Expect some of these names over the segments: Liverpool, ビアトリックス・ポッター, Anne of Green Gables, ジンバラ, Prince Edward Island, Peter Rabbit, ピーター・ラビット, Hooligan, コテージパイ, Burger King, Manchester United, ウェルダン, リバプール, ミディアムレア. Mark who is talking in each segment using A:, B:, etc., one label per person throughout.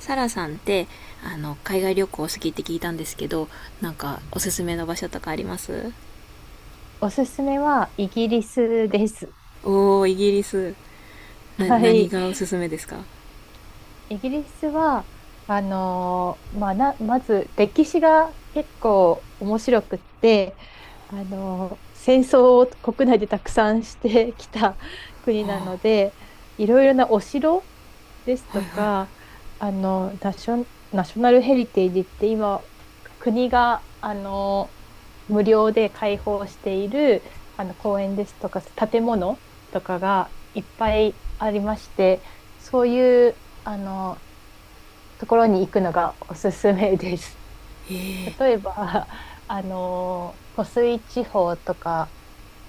A: サラさんって海外旅行好きって聞いたんですけど、なんかおすすめの場所とかあります？
B: おすすめはイギリスです。
A: おー、イギリス。な
B: は
A: 何
B: い。
A: がおすすめですか？
B: イギリスは、まあ、まず歴史が結構面白くって、戦争を国内でたくさんしてきた国なので、いろいろなお城ですとか、ナショナルヘリテージって今、国が、無料で開放している、公園ですとか、建物とかがいっぱいありまして、そういう、ところに行くのがおすすめです。
A: ええー。
B: 例えば、湖水地方とか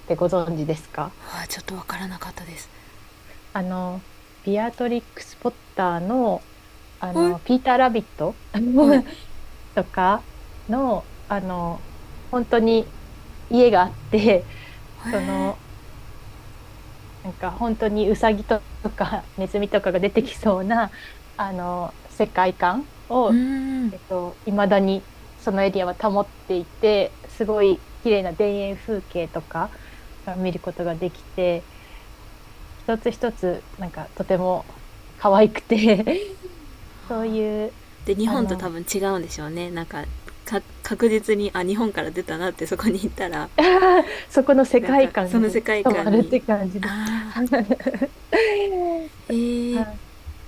B: ってご存知ですか？
A: うわ、ちょっとわからなかったです。
B: あの、ビアトリックス・ポッターの、
A: はい
B: ピーター・ラビット
A: はい。へ
B: とかの、本当に家があって、その、
A: え。
B: なんか本当にウサギとかネズミとかが出てきそうな、世界観
A: うー
B: を、
A: ん。
B: 未だにそのエリアは保っていて、すごい綺麗な田園風景とかが見ることができて、一つ一つ、なんかとても可愛くて そういう、
A: で、日
B: あ
A: 本と多
B: の
A: 分違うんでしょうね、なんか。確実に、日本から出たなって、そこに行ったら。
B: そこの世
A: なんか
B: 界観
A: そ
B: に
A: の世界
B: 染ま
A: 観
B: るっ
A: に。
B: て感じで
A: ああ。 へ
B: は
A: え。
B: い。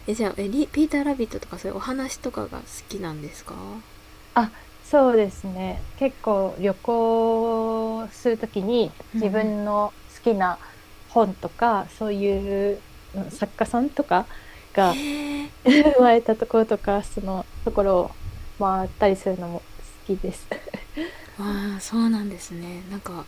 A: じゃあ、リピーター・ラビットとかそういうお話とかが好きなんですか？
B: あ、そうですね。結構旅行するときに
A: うんう
B: 自
A: ん。
B: 分の好きな本とか、そういう作家さんとかが
A: へえ。
B: 生まれたところとか、そのところを回ったりするのも好きです。
A: ああ、そうなんですね。なんか、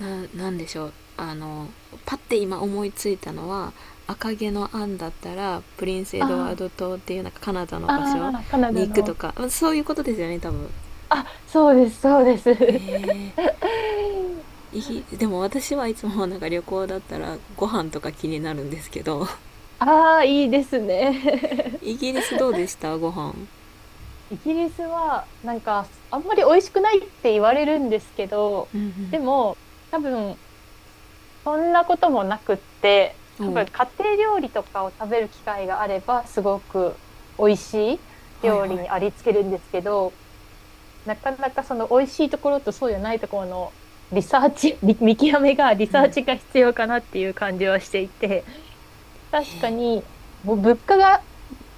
A: なんでしょう、パッて今思いついたのは、赤毛のアンだったらプリンス・エドワ
B: あ
A: ード島っていう、なんかカナダの場所
B: ああ、カナ
A: に
B: ダ
A: 行くと
B: の。
A: か、そういうことですよね、多分。
B: あ、そうです、そうです。
A: へえ。 でも、私はいつも、なんか旅行だったらご飯とか気になるんですけど。
B: ああ、いいです ね。
A: イギ リスどうでした、ご飯？
B: イギリスは、なんか、あんまり美味しくないって言われるんですけど、
A: うん
B: でも、多分、そんなこともなくって、
A: うん。
B: 多
A: おう。
B: 分、家庭料理とかを食べる機会があれば、すごく美味しい
A: はい
B: 料
A: は
B: 理
A: い。
B: にありつけるんですけど、なかなかその美味しいところとそうじゃないところのリサーチ、見極めが、リ
A: う
B: サー
A: ん。
B: チが必要かなっていう感じはしていて、確かに、もう物価が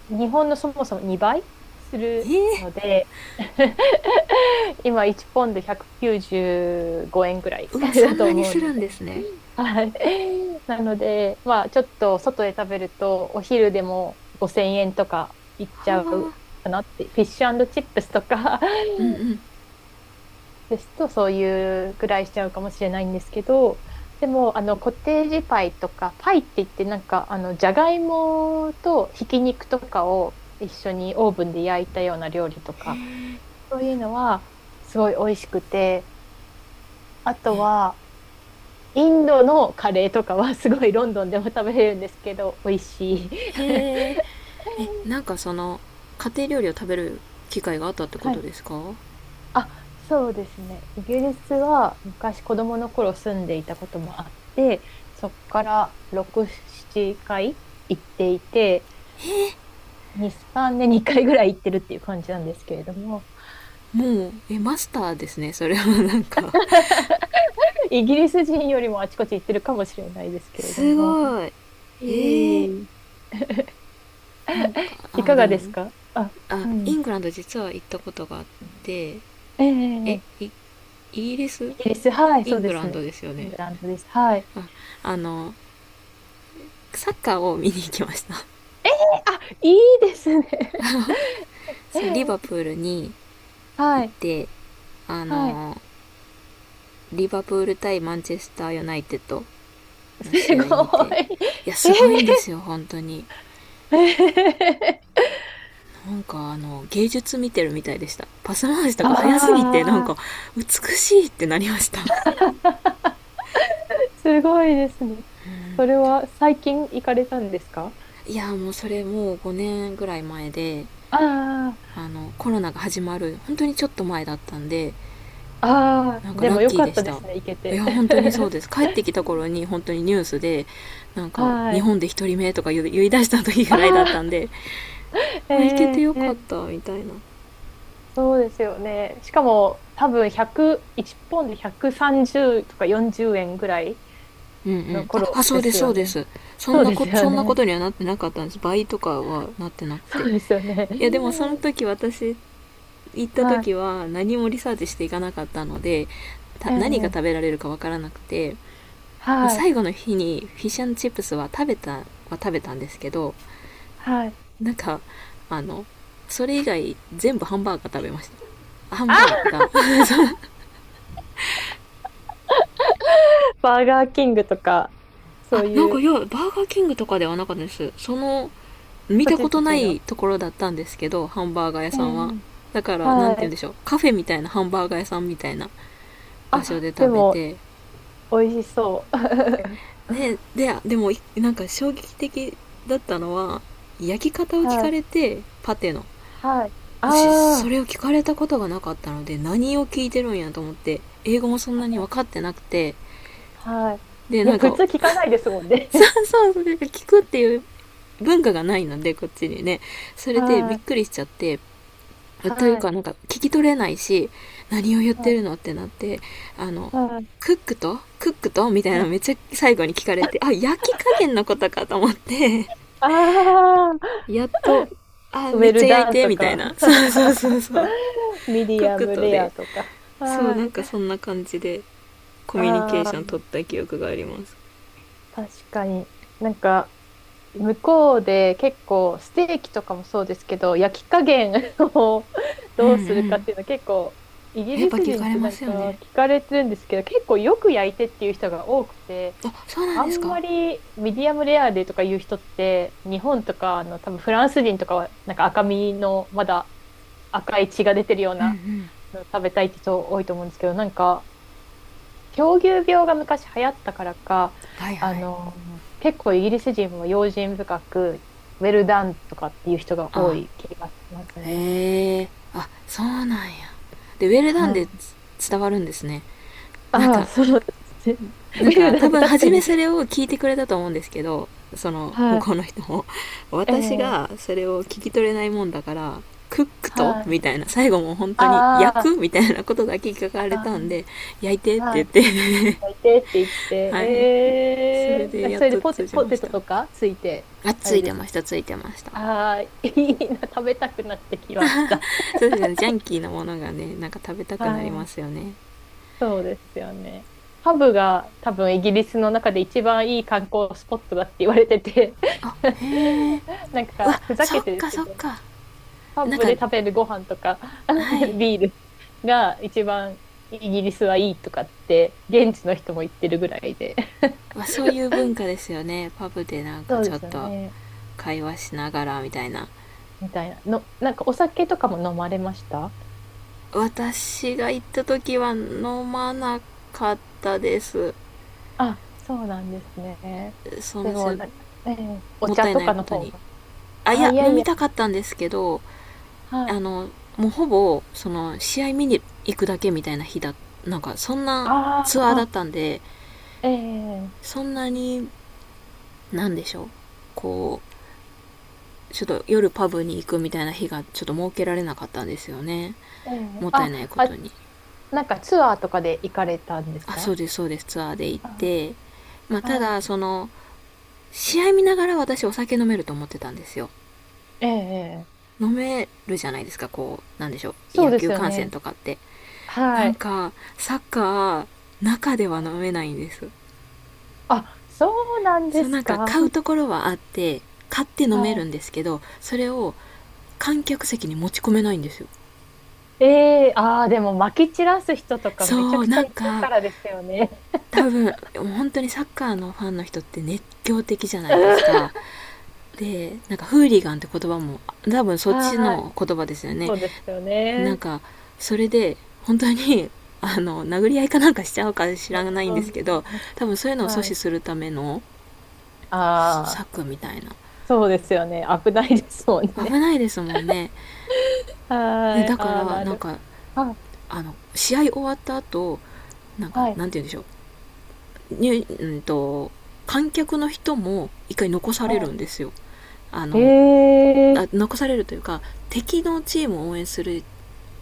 B: 日本のそもそも2倍する
A: ええ。
B: ので、今1ポンド195円ぐらい
A: うわ、そ
B: だ
A: ん
B: と
A: なに
B: 思う
A: す
B: の
A: るん
B: で、
A: ですね。
B: はい。なので、まあちょっと外で食べるとお昼でも5000円とかいっち
A: は
B: ゃう
A: あ。
B: かなって、フィッシュチップスとか
A: うんうん。
B: ですと、そういうぐらいしちゃうかもしれないんですけど、でも、コテージパイとか、パイって言って、なんか、じゃがいもとひき肉とかを一緒にオーブンで焼いたような料理と
A: へ
B: か、
A: え。
B: そういうのは、すごい美味しくて、あと
A: え
B: は、インドのカレーとかは、すごいロンドンでも食べれるんですけど、美味しい。
A: へえ、なんか、その、家庭料理を食べる機会があったってこ
B: は
A: と
B: い。
A: ですか？
B: あ、そうですね。イギリスは昔子供の頃住んでいたこともあって、そこから6、7回行っていて、
A: えー
B: 2、3年に回ぐらい行ってるっていう感じなんですけれども、
A: もう、マスターですね、それは、なんか。
B: イギリス人よりもあちこち行ってるかもしれないですけれど
A: す
B: も、
A: ごい。
B: い
A: え
B: え
A: え。
B: いえ
A: なんか、
B: いか
A: で
B: が
A: も、
B: ですか？あ、う
A: イ
B: ん。
A: ングランド実は行ったことがあって、え、
B: ええ、
A: イギリス。
B: イギリス、はい、
A: イ
B: そう
A: ン
B: で
A: グ
B: す
A: ラン
B: ね。
A: ドですよ
B: イン
A: ね。
B: グランドです。はい。
A: あ、あの、サッカーを見に行きました。
B: あ、いいですね。
A: そう、リバプ ールに
B: は
A: 行っ
B: い、
A: て、あ
B: はい。
A: の、リバプール対マンチェスターユナイテッド
B: す
A: の試合見
B: ご
A: て、い
B: い。
A: や、 すごいんで
B: え
A: すよ本当に。
B: ー、え
A: なんか芸術見てるみたいでした。パス回し
B: ー、
A: とか早すぎて、なん か
B: あ
A: 美しいってなりました。
B: あ、すごいですね。それは最近行かれたんですか？
A: いや、もう、それもう5年ぐらい前で、
B: あ
A: コロナが始まる本当にちょっと前だったんで。
B: あ、ああ、
A: なんか
B: で
A: ラ
B: も
A: ッ
B: よ
A: キー
B: か
A: で
B: っ
A: し
B: たで
A: た。
B: すね、行け
A: いや
B: て。
A: 本当にそうです。帰ってきた頃 に本当にニュースで、なんか
B: は
A: 日
B: い。
A: 本で一人目とか言い出した時ぐ
B: あ
A: らいだった
B: あ、
A: んで。行けて
B: え
A: よかっ
B: え、
A: たみたいな。
B: そうですよね。しかも、多分100、いちポンドで130とか40円ぐらい
A: うんう
B: の
A: ん。あ、
B: 頃
A: あそ
B: で
A: うで
B: す
A: す、そ
B: よ
A: うで
B: ね。
A: す。
B: そうですよ
A: そんなこ
B: ね。
A: とにはなってなかったんです。倍とかはなってなくて。
B: そうですよね。
A: いや、でもその時私行った
B: はい。
A: 時は何もリサーチしていかなかったので、た
B: え
A: 何が
B: え、
A: 食べられるかわからなくて、まあ、
B: はい。
A: 最後の日にフィッシュチップスは食べたんですけど、
B: はい。
A: なんか、あの、それ以外全部ハンバーガー食べました。ハンバー
B: あ、
A: ガー。
B: バーガーキングとか、そう
A: なん
B: い
A: か、い
B: う
A: や、バーガーキングとかではなかったです。その、見
B: 土
A: た
B: 地
A: こ
B: 土
A: とな
B: 地
A: い
B: の。
A: ところだったんですけど、ハンバーガー屋
B: え
A: さんは。
B: え、
A: だから、なん
B: は
A: て言うん
B: い。
A: でしょう、カフェみたいなハンバーガー屋さんみたいな場所
B: あ、
A: で
B: で
A: 食べ
B: も、
A: て。
B: 美味しそう。
A: ね、でも、なんか衝撃的だったのは、焼き方を聞
B: は
A: か
B: い。
A: れて、パテの。
B: はい。
A: 私、
B: あ
A: それ
B: あ、
A: を聞かれたことがなかったので、何を聞いてるんやと思って、英語もそんなに分かってなくて、
B: はい。
A: で、
B: い
A: な
B: や、
A: ん
B: 普
A: か、
B: 通聞かないですもん ね。
A: そ うそう、それ聞くっていう文化がないので、こっちにね。それでび
B: は
A: っく
B: い。
A: りしちゃって、という
B: はい。
A: かなんか聞き取れないし、何を言っ
B: は
A: て
B: い。
A: るのってなって、あの、
B: はい。
A: クックとクックとみたい
B: は
A: な
B: い。
A: のめっちゃ最後に聞かれて、あ、焼き加減のことかと思って、
B: あ あ、
A: やっと、あ、
B: ウ
A: めっ
B: ェ
A: ちゃ
B: ル
A: 焼い
B: ダン
A: て、
B: と
A: みたい
B: か、
A: な。そうそうそ うそう。
B: ミデ
A: クッ
B: ィア
A: ク
B: ム
A: と
B: レ
A: で。
B: アとか。
A: そう、な
B: は
A: んか
B: い。
A: そんな感じでコミュニケ
B: あ
A: ーション
B: あ、
A: 取った記憶があります。
B: 確かに。なんか、向こうで結構ステーキとかもそうですけど焼き加減を
A: うんう
B: どうするかっ
A: ん。
B: ていうのは結構イギ
A: やっ
B: リ
A: ぱ
B: ス
A: 聞
B: 人
A: か
B: っ
A: れ
B: てな
A: ま
B: ん
A: すよ
B: か
A: ね。
B: 聞かれてるんですけど、結構よく焼いてっていう人が多くて、
A: あ、そうなん
B: あ
A: です
B: ん
A: か？
B: まりミディアムレアでとかいう人って日本とか多分フランス人とかはなんか赤身のまだ赤い血が出てるよう
A: うんう
B: な
A: ん。
B: の食べたいって人多いと思うんですけど、なんか狂牛病が昔流行ったからか、
A: はいはい。
B: 結構イギリス人は用心深く、ウェルダンとかっていう人が多
A: あ、
B: い気がしますね。
A: へえ。そうなんや。で、ウェルダンで
B: はい。
A: 伝わるんですね、なん
B: ああ、
A: か
B: そうですね。
A: な
B: ウ
A: ん
B: ェ
A: か
B: ルダン
A: 多
B: って
A: 分
B: 確
A: 初
B: か
A: め
B: に。
A: それを聞いてくれたと思うんですけど、その向
B: はい。
A: こうの人も、
B: え
A: 私
B: え、
A: がそれを聞き取れないもんだから、クックと
B: はい。
A: みたいな最後も本当に焼
B: あ
A: くみたいなことだけ聞か
B: あ、
A: れ
B: あ
A: たんで、焼いてっ
B: あ、は
A: て言っ
B: い。
A: て、
B: いてって言って、
A: はい、それ
B: ええ
A: で
B: だ
A: やっ
B: それで
A: と通じ
B: ポ
A: まし
B: テト
A: た。
B: とかついて、
A: あ、
B: あ
A: つ
B: れ
A: い
B: で
A: て
B: す
A: まし
B: か？
A: たついてました。
B: ああ、いいな、食べたくなってきました。
A: そうですね、ジャンキーなものがね、なんか食べた
B: は
A: くなりま
B: い。
A: すよね。
B: そうですよね。ハブが多分イギリスの中で一番いい観光スポットだって言われてて
A: あ、へえ。
B: なん
A: うわ、
B: かふざ
A: そ
B: け
A: っ
B: てです
A: か
B: け
A: そっ
B: ど、
A: か。
B: ハ
A: なん
B: ブ
A: か、
B: で食べるご飯とか
A: はい。
B: ビールが一番イギリスはいいとかって現地の人も言ってるぐらいで。
A: わ、そういう文化ですよね、パブでなんか
B: そう
A: ち
B: で
A: ょっ
B: すよ
A: と
B: ね。
A: 会話しながらみたいな。
B: みたいな。の、なんかお酒とかも飲まれました？
A: 私が行った時は飲まなかったです。
B: あ、そうなんですね。
A: そ
B: で
A: の
B: も、
A: じ
B: な、ええ、お
A: もっ
B: 茶
A: たい
B: と
A: ない
B: か
A: こ
B: の
A: と
B: 方
A: に。
B: が。
A: い
B: あ、
A: や
B: いや
A: 飲
B: い
A: み
B: や。
A: たかったんですけど、
B: は
A: あ
B: い。
A: のもうほぼその試合見に行くだけみたいな日だ、なんかそんな
B: あ
A: ツアーだっ
B: あ、
A: たんで、
B: ええ、
A: そんなに、なんでしょう、こちょっと夜パブに行くみたいな日がちょっと設けられなかったんですよね。
B: ええ、
A: もったい
B: あ、
A: ないこと
B: あ、
A: に。
B: なんかツアーとかで行かれたんです
A: あ、そう
B: か？
A: です、そうです、ツアーで行っ
B: あ、
A: て。まあ、た
B: はい。
A: だ、その、試合見ながら私お酒飲めると思ってたんですよ。
B: ええ、ええ、
A: 飲めるじゃないですか、こう、なんでしょう、
B: そう
A: 野
B: で
A: 球
B: すよ
A: 観戦
B: ね。
A: とかって。
B: は
A: なん
B: い。
A: か、サッカー、中では飲めないんです。
B: あ、そうなんで
A: そう、
B: す
A: なんか
B: か。
A: 買うところはあって、買って飲
B: は
A: めるんですけど、それを観客席に持ち込めないんですよ。
B: い。ええ、ああ、でも、まき散らす人とかめちゃ
A: そう、
B: くちゃ
A: なん
B: いる
A: か、
B: からですよね。
A: 多分本当にサッカーのファンの人って熱狂的じゃ ないですか。
B: う
A: で、なんかフーリガンって言葉も多分そ
B: ん、
A: っち
B: はい。
A: の言葉ですよね。
B: そうですよ
A: なん
B: ね。
A: かそれで本当に、 殴り合いかなんかしちゃうか知らないん
B: う
A: です
B: ん。
A: けど、多分そういうのを阻
B: は
A: 止
B: い。
A: するための
B: ああ、
A: 策みたいな。
B: そうですよね。危ないですもんね。
A: 危ないですもんね。で、
B: はい。
A: だか
B: ああ、
A: ら、
B: な
A: なん
B: る。
A: か、
B: はい。
A: 試合終わった後、なんか、
B: はい。
A: なんて言うんでしょ、うにうんと観客の人も一回残されるん
B: は
A: ですよ。あ
B: い。え
A: の
B: え、
A: 残されるというか、敵のチームを応援する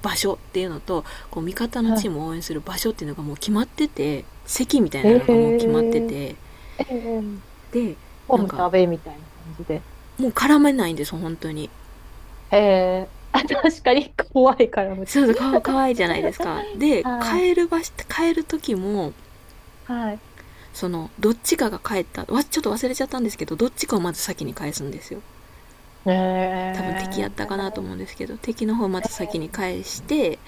A: 場所っていうのと、こう、味方のチ
B: は
A: ームを応援する場所っていうのがもう決まってて、席みたい
B: い。
A: な
B: え
A: のがもう決まって
B: え、
A: て、
B: ええ、
A: で、
B: ホー
A: なん
B: ムと
A: か
B: アウェイみたいな感じで。
A: もう絡めないんですよ本当に。
B: ええ、あ、確かに怖いから、無
A: そ
B: 糖。
A: うそう、かわいいじゃないですか。で、
B: はい、
A: 帰る時も、
B: はい。
A: そのどっちかが帰ったわ、ちょっと忘れちゃったんですけど、どっちかをまず先に返すんですよ。多分敵やったかなと
B: ええ、
A: 思うんですけど、敵の方をまず先に返して、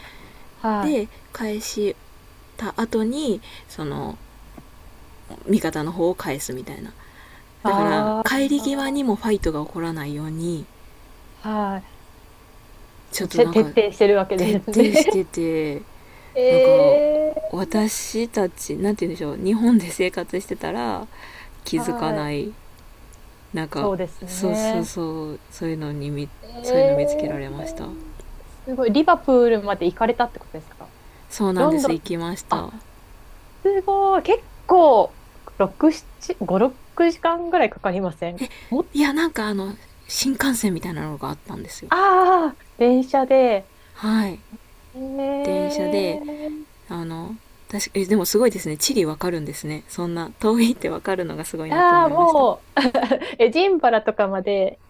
B: はい。
A: で、返した後に、その味方の方を返すみたいな。だから
B: あ
A: 帰り際に
B: あ、
A: もファイトが起こらないように、
B: は
A: ちょ
B: い。
A: っとなん
B: 徹
A: か
B: 底してるわけで
A: 徹
B: す
A: 底し
B: ね。
A: てて、なんか
B: ええ、
A: 私たち、なんて言うんでしょう、日本で生活してたら気づか
B: はい。
A: ない、なんか
B: そうです
A: そうそう
B: ね。
A: そう、そういうのにそういうの見つけられました。
B: ええ、すごい。リバプールまで行かれたってことですか？
A: そうなん
B: ロ
A: で
B: ンド
A: す、
B: ン。
A: 行きまし
B: あ、
A: た。
B: すごい。結構、6、7、5、6時間ぐらいかかりません？もっ
A: いや、なんか新幹線みたいなのがあったんですよ。
B: ああ、電車で。
A: はい、電車で、
B: ええ、
A: あの確か、でもすごいですね、地理わかるんですね、そんな遠いってわかるのがすごいなって
B: あ
A: 思
B: あ、
A: いました。
B: もう、え、ジンバラとかまで、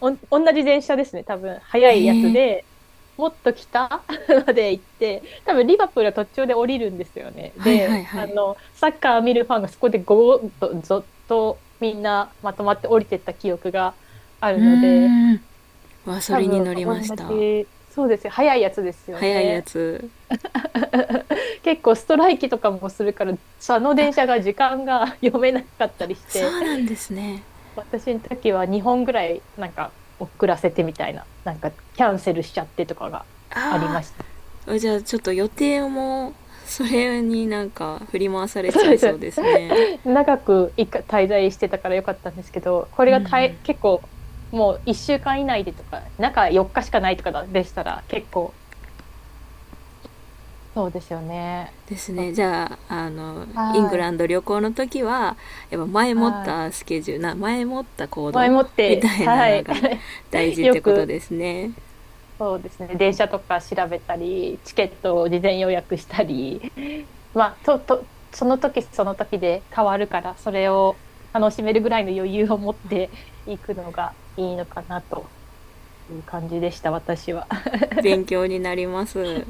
B: 同じ電車ですね、多分。早
A: へ
B: いやつ
A: え。
B: で、もっと北 まで行って、多分リバプールは途中で降りるんですよね。
A: はいはい
B: で、
A: はい。
B: サッカー見るファンがそこでゴーッと、ぞっとみんなまとまって降りてった記憶があ
A: う
B: るので、
A: ーん。わ、そ
B: 多
A: れに
B: 分
A: 乗りまし
B: 同
A: た。
B: じ、そうですよ、早いやつですよ
A: 早いや
B: ね。
A: つ。
B: 結構ストライキとかもするから、その電車が時間が 読めなかったりし
A: そ
B: て、
A: うなんですね。
B: 私の時は2本ぐらいなんか遅らせてみたいな、なんかキャンセルしちゃってとかがあり
A: あ
B: ました。
A: あ、じゃあちょっと予定もそれになんか振り回され
B: そ
A: ちゃ
B: うで
A: いそう
B: す。
A: ですね。
B: 長く一回滞在してたからよかったんですけど、これがたい結構もう1週間以内でとか、中4日しかないとかだでしたら結構そうですよね。
A: です
B: そう、
A: ね。じゃあ、イング
B: は
A: ラ
B: い、
A: ンド旅行の時は、やっぱ前もっ
B: はい。
A: たスケジュールな前もった行
B: 前
A: 動
B: もっ
A: み
B: て、
A: たいな
B: は
A: の
B: い。
A: が大 事っ
B: よ
A: てこと
B: く、
A: ですね。
B: そうですね。電車とか調べたり、チケットを事前予約したり、まあ、と、その時その時で変わるから、それを楽しめるぐらいの余裕を持っていくのがいいのかなという感じでした、私は。
A: 勉強になります。